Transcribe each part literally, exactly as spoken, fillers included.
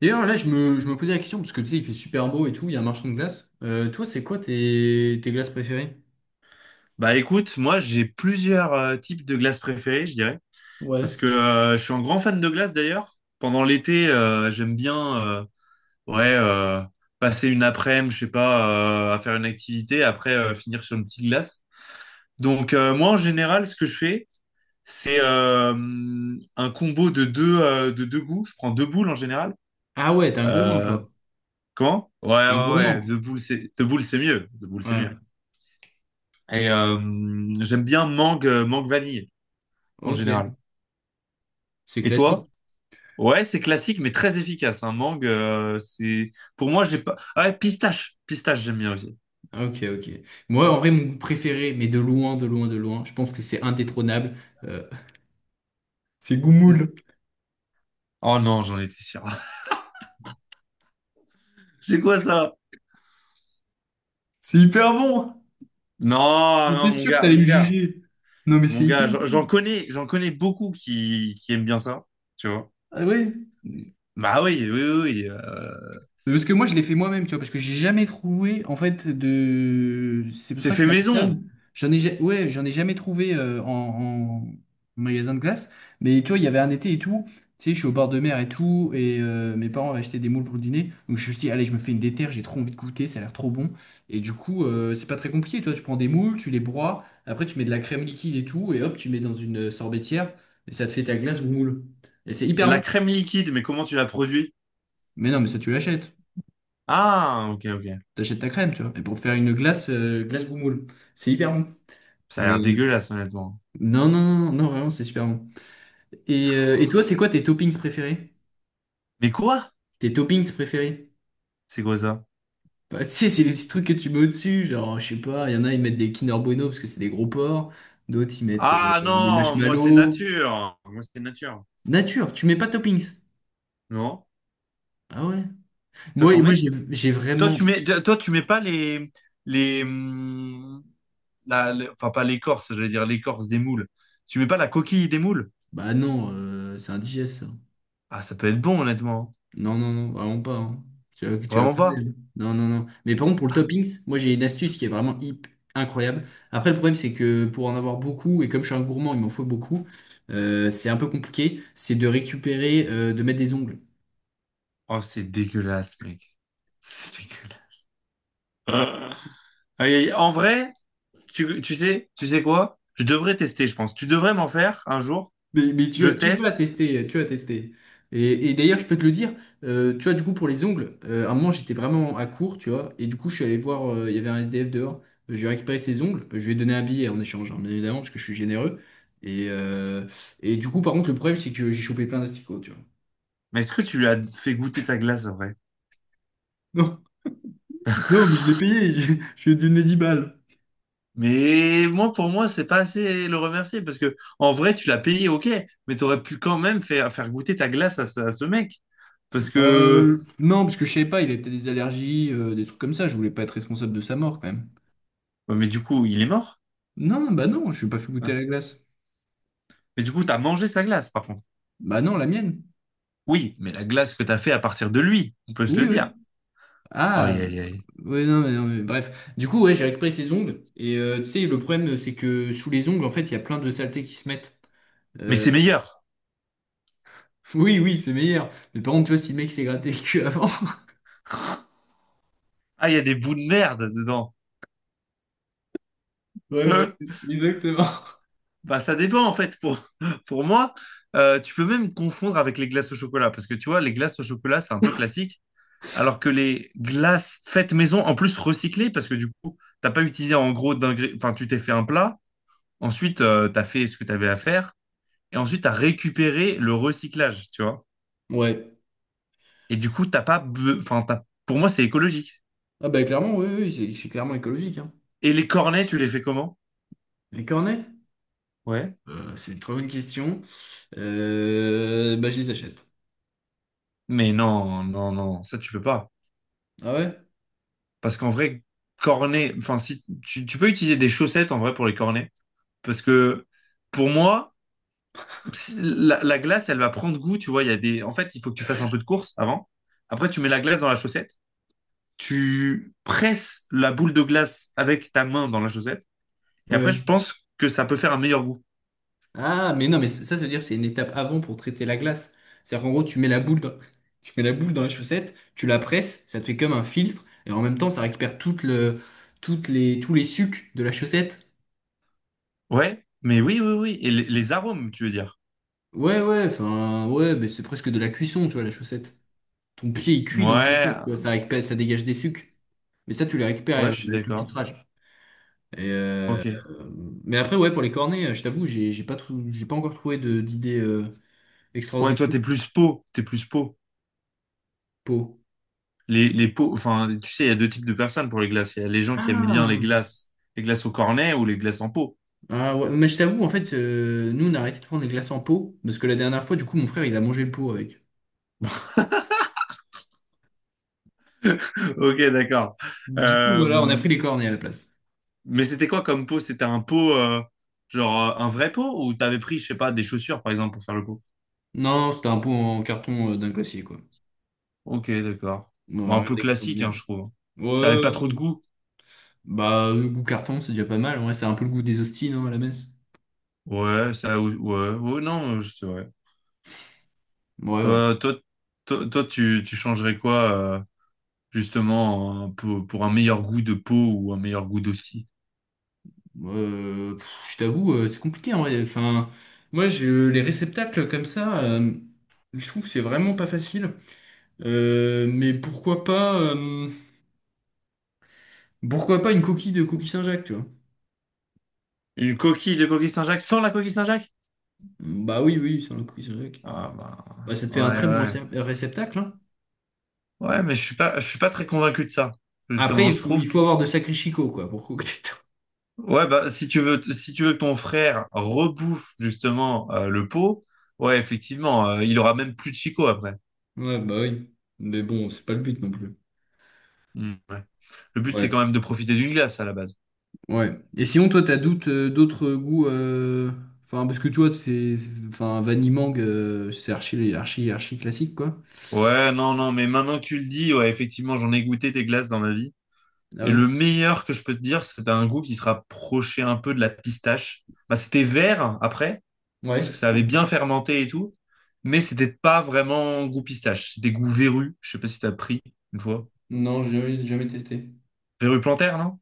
D'ailleurs, là, je me, je me posais la question, parce que tu sais, il fait super beau et tout, il y a un marchand de glace. Euh, toi, c'est quoi tes, tes glaces préférées? Bah écoute, moi j'ai plusieurs euh, types de glaces préférées, je dirais, parce Ouais. que euh, je suis un grand fan de glace d'ailleurs. Pendant l'été, euh, j'aime bien euh, ouais euh, passer une après-midi, je sais pas, euh, à faire une activité, après euh, finir sur une petite glace. Donc euh, moi en général, ce que je fais, c'est euh, un combo de deux euh, de deux goûts. Je prends deux boules en général. Ah ouais, t'es un gourmand, Euh, toi. Comment? Ouais Un ouais ouais, deux gourmand. boules c'est deux boules c'est mieux, deux boules c'est mieux. Ouais, Et euh, J'aime bien mangue euh, mangue vanille en général. ok. C'est Et classique. toi? Ouais, c'est classique, mais très efficace. Un mangue, euh, c'est... Pour moi, j'ai pas... Ah ouais, pistache. Pistache, j'aime bien aussi. Ah, ok, ok. Moi, en vrai, mon goût préféré, mais de loin, de loin, de loin, je pense que c'est indétrônable. euh, c'est Mm. Goumoul. Oh non, j'en étais sûr. C'est quoi ça? C'est hyper bon. Non, non, J'étais mon sûr que gars, t'allais me mon gars. juger. Non, mais Mon c'est gars, hyper bon. j'en j'en connais, j'en connais beaucoup qui, qui aiment bien ça, tu vois. Ah oui. Bah oui, oui, oui. Oui, euh, Parce que moi, je l'ai fait moi-même, tu vois, parce que j'ai jamais trouvé, en fait, de. C'est pour c'est ça que fait la maison. j'en ai, ja- ouais, j'en ai jamais trouvé euh, en, en magasin de glace. Mais tu vois, il y avait un été et tout. Tu sais, je suis au bord de mer et tout, et euh, mes parents avaient acheté des moules pour le dîner. Donc je me suis dit, allez, je me fais une déterre, j'ai trop envie de goûter, ça a l'air trop bon. Et du coup, euh, c'est pas très compliqué, tu vois, tu prends des moules, tu les broies, après tu mets de la crème liquide et tout, et hop, tu mets dans une euh, sorbetière, et ça te fait ta glace aux moules. Et c'est De hyper la bon. crème liquide, mais comment tu la produis? Mais non, mais ça, tu l'achètes. Ah, ok, ok. T'achètes ta crème, tu vois. Et pour te faire une glace, euh, glace boumoule. C'est hyper bon. Ça a Euh, l'air dégueulasse, honnêtement. non, non, non, non, vraiment, c'est super bon. Et, euh, et toi, c'est quoi tes toppings préférés? Mais quoi? Tes toppings préférés? C'est quoi ça? Bah, tu sais, c'est les petits trucs que tu mets au-dessus. Genre, je sais pas, il y en a, ils mettent des Kinder Bueno parce que c'est des gros porcs. D'autres, ils mettent euh, Ah des non, moi c'est marshmallows. nature. Moi c'est nature. Nature, tu mets pas de toppings. Non? Ah ouais? Toi, Moi, t'en moi mets? j'ai j'ai Toi, tu vraiment. mets, toi, tu mets pas les, les, hum, la, les- enfin pas l'écorce, j'allais dire l'écorce des moules. Tu mets pas la coquille des moules? Bah non, euh, c'est indigeste. Ça. Ah, ça peut être bon, honnêtement. Non, non, non, vraiment pas, hein. Tu vas, tu vas Vraiment crever, pas. hein. Non, non, non. Mais par contre, pour le toppings, moi j'ai une astuce qui est vraiment hip, incroyable. Après, le problème, c'est que pour en avoir beaucoup, et comme je suis un gourmand, il m'en faut beaucoup, euh, c'est un peu compliqué. C'est de récupérer, euh, de mettre des ongles. Oh, c'est dégueulasse, mec. C'est dégueulasse. Ah. Aïe, aïe. En vrai, tu, tu sais, tu sais quoi? Je devrais tester, je pense. Tu devrais m'en faire un jour. Mais, mais tu, Je vas- tu vas teste. tester, tu vas tester. Et, et d'ailleurs, je peux te le dire, euh, tu vois, du coup, pour les ongles, euh, à un moment, j'étais vraiment à court, tu vois, et du coup, je suis allé voir, euh, il y avait un S D F dehors. Euh, j'ai récupéré ses ongles, je lui ai donné un billet en échange, hein, bien évidemment, parce que je suis généreux. Et, euh, et du coup, par contre, le problème, c'est que j'ai chopé plein d'asticots, tu vois. Mais est-ce que tu lui as fait goûter ta glace après? Non, non, mais je l'ai payé, je, je lui ai donné dix balles. Mais moi, pour moi, c'est pas assez le remercier parce que en vrai, tu l'as payé, ok, mais t'aurais pu quand même faire, faire goûter ta glace à ce, à ce mec. Parce Bah, que, Euh, non, parce que je savais pas, il avait peut-être des allergies, euh, des trucs comme ça, je voulais pas être responsable de sa mort, quand même. ouais, mais du coup, il est mort, Non, bah non, je suis pas fait goûter à hein. la glace. Mais du coup, t'as mangé sa glace, par contre. Bah non, la mienne. Oui, mais la glace que t'as fait à partir de lui, on peut se Oui, le dire. oui. Ah, Aïe, aïe, aïe. ouais, non, mais, non, mais bref. Du coup, ouais, j'ai récupéré ses ongles. Et euh, tu sais, le problème, c'est que sous les ongles, en fait, il y a plein de saletés qui se mettent. Mais Euh, c'est meilleur. oui, oui, c'est meilleur. Mais par contre, tu vois, si le mec s'est gratté le cul avant. Ah, il y a des bouts de merde dedans. Ouais, ouais, Hein. exactement. Bah, ça dépend, en fait. Pour, pour moi, Euh, tu peux même confondre avec les glaces au chocolat parce que tu vois, les glaces au chocolat, c'est un peu classique, alors que les glaces faites maison, en plus recyclées, parce que du coup, t'as pas utilisé en gros d'ingré- enfin, tu t'es fait un plat, ensuite, euh, t'as fait ce que t'avais à faire, et ensuite, t'as récupéré le recyclage, tu vois. Ouais. Et du coup, t'as pas, be- enfin, t'as- pour moi, c'est écologique. Ah, bah, clairement, oui, oui, c'est c'est clairement écologique, hein. Et les cornets, tu les fais comment? Les cornets? Ouais. Euh, c'est une très bonne question. Euh, bah, je les achète. Mais non, non, non, ça, tu peux pas. Ah ouais? Parce qu'en vrai, cornets, enfin, si, tu, tu peux utiliser des chaussettes, en vrai, pour les cornets. Parce que, pour moi, la, la glace, elle va prendre goût, tu vois. Il y a des... En fait, il faut que tu fasses un peu de course avant. Après, tu mets la glace dans la chaussette. Tu presses la boule de glace avec ta main dans la chaussette. Et après, je pense que ça peut faire un meilleur goût. Ah, mais non, mais ça, ça veut dire que c'est une étape avant pour traiter la glace. C'est-à-dire qu'en gros, tu mets la boule dans, tu mets la boule dans la chaussette, tu la presses, ça te fait comme un filtre, et en même temps, ça récupère toute le, toutes les, tous les sucs de la chaussette. Ouais, mais oui, oui, oui. Et les, les arômes, tu veux dire? Ouais, ouais, enfin, ouais, mais c'est presque de la cuisson, tu vois, la chaussette. Ton pied, il cuit dans la Ouais, chaussette, tu vois, ça récupère, ça dégage des sucs. Mais ça, tu les récupères ouais, euh, je suis avec le d'accord. filtrage. Et, euh, Ok. mais après, ouais, pour les cornets, euh, je t'avoue, j'ai j'ai pas, trou- j'ai pas encore trouvé de- d'idée euh, Ouais, extraordinaire. toi, t'es plus pot. T'es plus pot. Pour... Les, les pots, enfin, tu sais, il y a deux types de personnes pour les glaces. Il y a les gens qui aiment bien les Ah! glaces, les glaces au cornet ou les glaces en pot. Ah ouais, mais je t'avoue, en fait, euh, nous, on a arrêté de prendre les glaces en pot, parce que la dernière fois, du coup, mon frère, il a mangé le pot avec. Ok, d'accord. Du coup, voilà, on a Euh, pris les cornets à la place. Mais c'était quoi comme pot? C'était un pot, euh, genre euh, un vrai pot ou t'avais pris, je sais pas, des chaussures par exemple pour faire le pot? Non, c'était un pot en carton euh, d'un glacier, quoi. Ok, d'accord. Ouais, Bah, un rien peu classique, hein, d'extraordinaire. je trouve. Ça avait pas trop de Ouais, goût. bah, le goût carton, c'est déjà pas mal. Ouais, c'est un peu le goût des hosties, non, à la messe. Ouais, ça, ouais, ouais. Oh, non, euh, c'est vrai. Ouais, ouais. Toi, toi, toi, toi, tu, tu changerais quoi, euh, justement, euh, pour, pour un meilleur goût de pot ou un meilleur goût d'hostie? Euh, pff, je t'avoue, euh, c'est compliqué, en vrai. Enfin, moi, je, les réceptacles comme ça, euh, je trouve que c'est vraiment pas facile. Euh, mais pourquoi pas, euh, pourquoi pas une coquille de coquille Saint-Jacques, tu vois? Une coquille de coquille Saint-Jacques sans la coquille Saint-Jacques? Bah oui, oui, sur le coup, c'est vrai que- Ah, bah, Bah, ça te fait un ouais, très bon ouais. récep- réceptacle, hein. Ouais, mais je suis pas, je suis pas très convaincu de ça, Après, justement. il Je faut, trouve. il faut avoir de sacrés chicots, quoi, pour couper. Ouais, bah, si tu veux, si tu veux que ton frère rebouffe justement euh, le pot, ouais, effectivement, euh, il aura même plus de Chico après. Ouais, bah oui. Mais bon, c'est pas le but non plus. Hmm, ouais. Le but, c'est quand Ouais, même de profiter d'une glace à la base. ouais. Et sinon, toi, t'as doute, euh, d'autres goûts. euh, Enfin, parce que toi, c'est. C'est- Enfin, Vanille Mangue, euh, c'est archi, archi, archi classique, quoi. Ouais, non, non, mais maintenant que tu le dis, ouais, effectivement, j'en ai goûté des glaces dans ma vie. Ah Et ouais. le meilleur que je peux te dire, c'était un goût qui se rapprochait un peu de la pistache. Bah, c'était vert hein, après, parce Ouais. que ça avait bien fermenté et tout, mais c'était pas vraiment goût pistache. C'était goût verru. Je sais pas si t'as pris une fois. Non, j'ai jamais, jamais testé. Verru plantaire, non?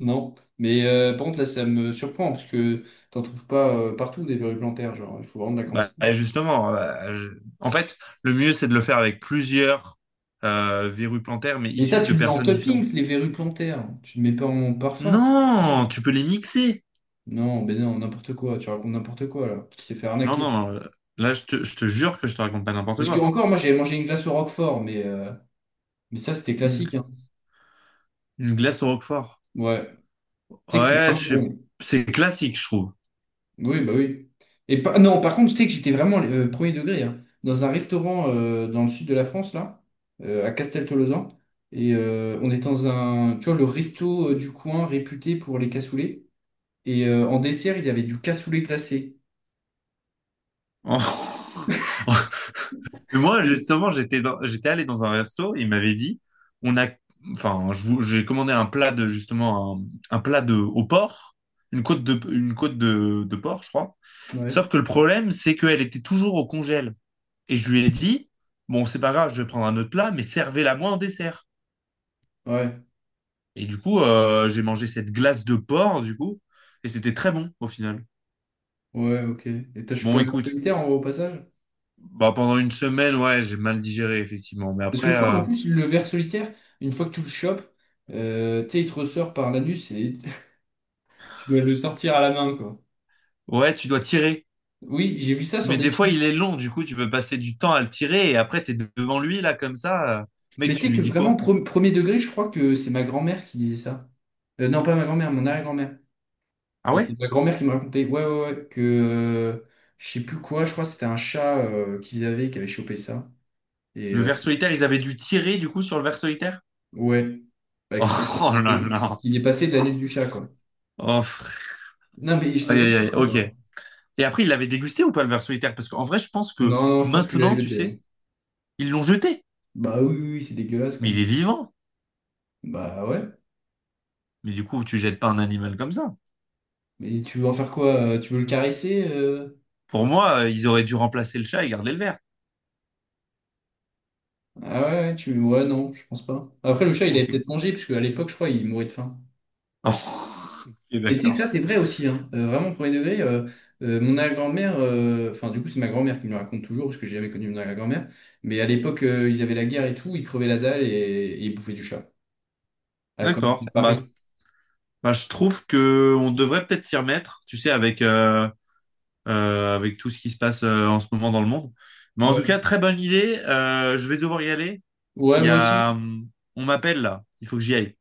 Non. Mais euh, par contre, là, ça me surprend, parce que t'en trouves pas euh, partout des verrues plantaires, genre, il faut vraiment de la Bah, quantité. justement, euh, je- en fait, le mieux, c'est de le faire avec plusieurs euh, verrues plantaires, mais Mais ça, issues tu de le mets en personnes différentes. toppings, les verrues plantaires. Tu ne mets pas en parfum, c'est pas possible. Non, tu peux les mixer. Non, ben non, n'importe quoi. Tu racontes n'importe quoi, là. Tu t'es fait Non, arnaquer. non, euh, là, je te, je te jure que je te raconte pas n'importe Parce que, quoi. encore, moi, j'avais mangé une glace au Roquefort, mais, euh, mais ça, c'était Une, classique, hein. une glace au roquefort. Ouais. Tu sais que c'est Ouais, vraiment je sais- bon. c'est classique, je trouve. Oui, bah oui. Et pas non, par contre, tu sais que j'étais vraiment euh, premier degré, hein. Dans un restaurant euh, dans le sud de la France, là, euh, à Casteltolosan. Et euh, on était dans un, tu vois, le resto euh, du coin réputé pour les cassoulets. Et euh, en dessert, ils avaient du cassoulet glacé. En, Moi, Oui. justement, j'étais dans- j'étais allé dans un resto, il m'avait dit, on a, enfin, je vous- j'ai commandé un plat de, justement, un, un plat de, au porc, une côte de, une côte de, de porc, je crois. Ouais. Sauf que le problème, c'est qu'elle était toujours au congèle. Et je lui ai dit, bon, c'est pas grave, je vais prendre un autre plat, mais servez-la moi en dessert. Ouais, Et du coup, euh, j'ai mangé cette glace de porc, du coup, et c'était très bon, au final. ouais, ok. Et t'as chopé Bon, un ver écoute, solitaire en- au passage? bah, pendant une semaine, ouais, j'ai mal digéré, effectivement. Mais Parce que je après, crois qu'en euh, plus, le ver solitaire, une fois que tu le chopes, euh, tu sais, il te ressort par l'anus et tu dois le sortir à la main, quoi. ouais, tu dois tirer. Oui, j'ai vu ça sur Mais des des fois, films. il est long, du coup, tu peux passer du temps à le tirer et après, t'es devant lui, là, comme ça. euh, Mais Mec, tu tu sais que lui dis vraiment, quoi? pre- premier degré, je crois que c'est ma grand-mère qui disait ça. Euh, non, pas ma grand-mère, mon arrière-grand-mère. Ah Et ouais? c'est ma grand-mère qui me racontait, ouais, ouais, ouais, que euh, je sais plus quoi, je crois que c'était un chat euh, qu'ils avaient qui avait chopé ça. Et Le euh, ver solitaire, ils avaient dû tirer, du coup, sur le ver solitaire? ouais, bah, qu'il Oh, est, oh qu'il là est là. qu'il est passé de l'anus du chat, quoi. Oh, frère. Non, mais je te Aïe, vois aïe, aïe, ça. ok. Non, Et après, il l'avait dégusté ou pas, le ver solitaire? Parce qu'en vrai, je pense que non, je pense qu'il l'a maintenant, tu jeté, hein. sais, ils l'ont jeté. Bah oui, oui, oui, c'est dégueulasse quand Mais même. il est vivant. Bah ouais. Mais du coup, tu jettes pas un animal comme ça. Mais tu veux en faire quoi? euh, Tu veux le caresser? euh Pour moi, euh, ils auraient dû remplacer le chat et garder le ver. Ah ouais, ouais, tu... ouais, non, je pense pas. Après, le chat, il avait Ok. peut-être mangé, puisque à l'époque, je crois, il mourait de faim. Ok, Et tu sais que d'accord. ça, c'est vrai aussi, hein. Euh, vraiment, premier degré, euh, euh, mon arrière-grand-mère, euh, enfin, du coup, c'est ma grand-mère qui me le raconte toujours, parce que j'ai jamais connu mon arrière-grand-mère. Mais à l'époque, euh, ils avaient la guerre et tout, ils crevaient la dalle et, et ils bouffaient du chat. Ah, comme c'était à D'accord. Paris. Bah, bah, je trouve que on devrait peut-être s'y remettre, tu sais, avec, euh, euh, avec tout ce qui se passe euh, en ce moment dans le monde. Mais en tout Ouais. cas, très bonne idée. Euh, je vais devoir y aller. Ouais, Il y moi a, aussi. hum, on m'appelle là. Il faut que j'y aille.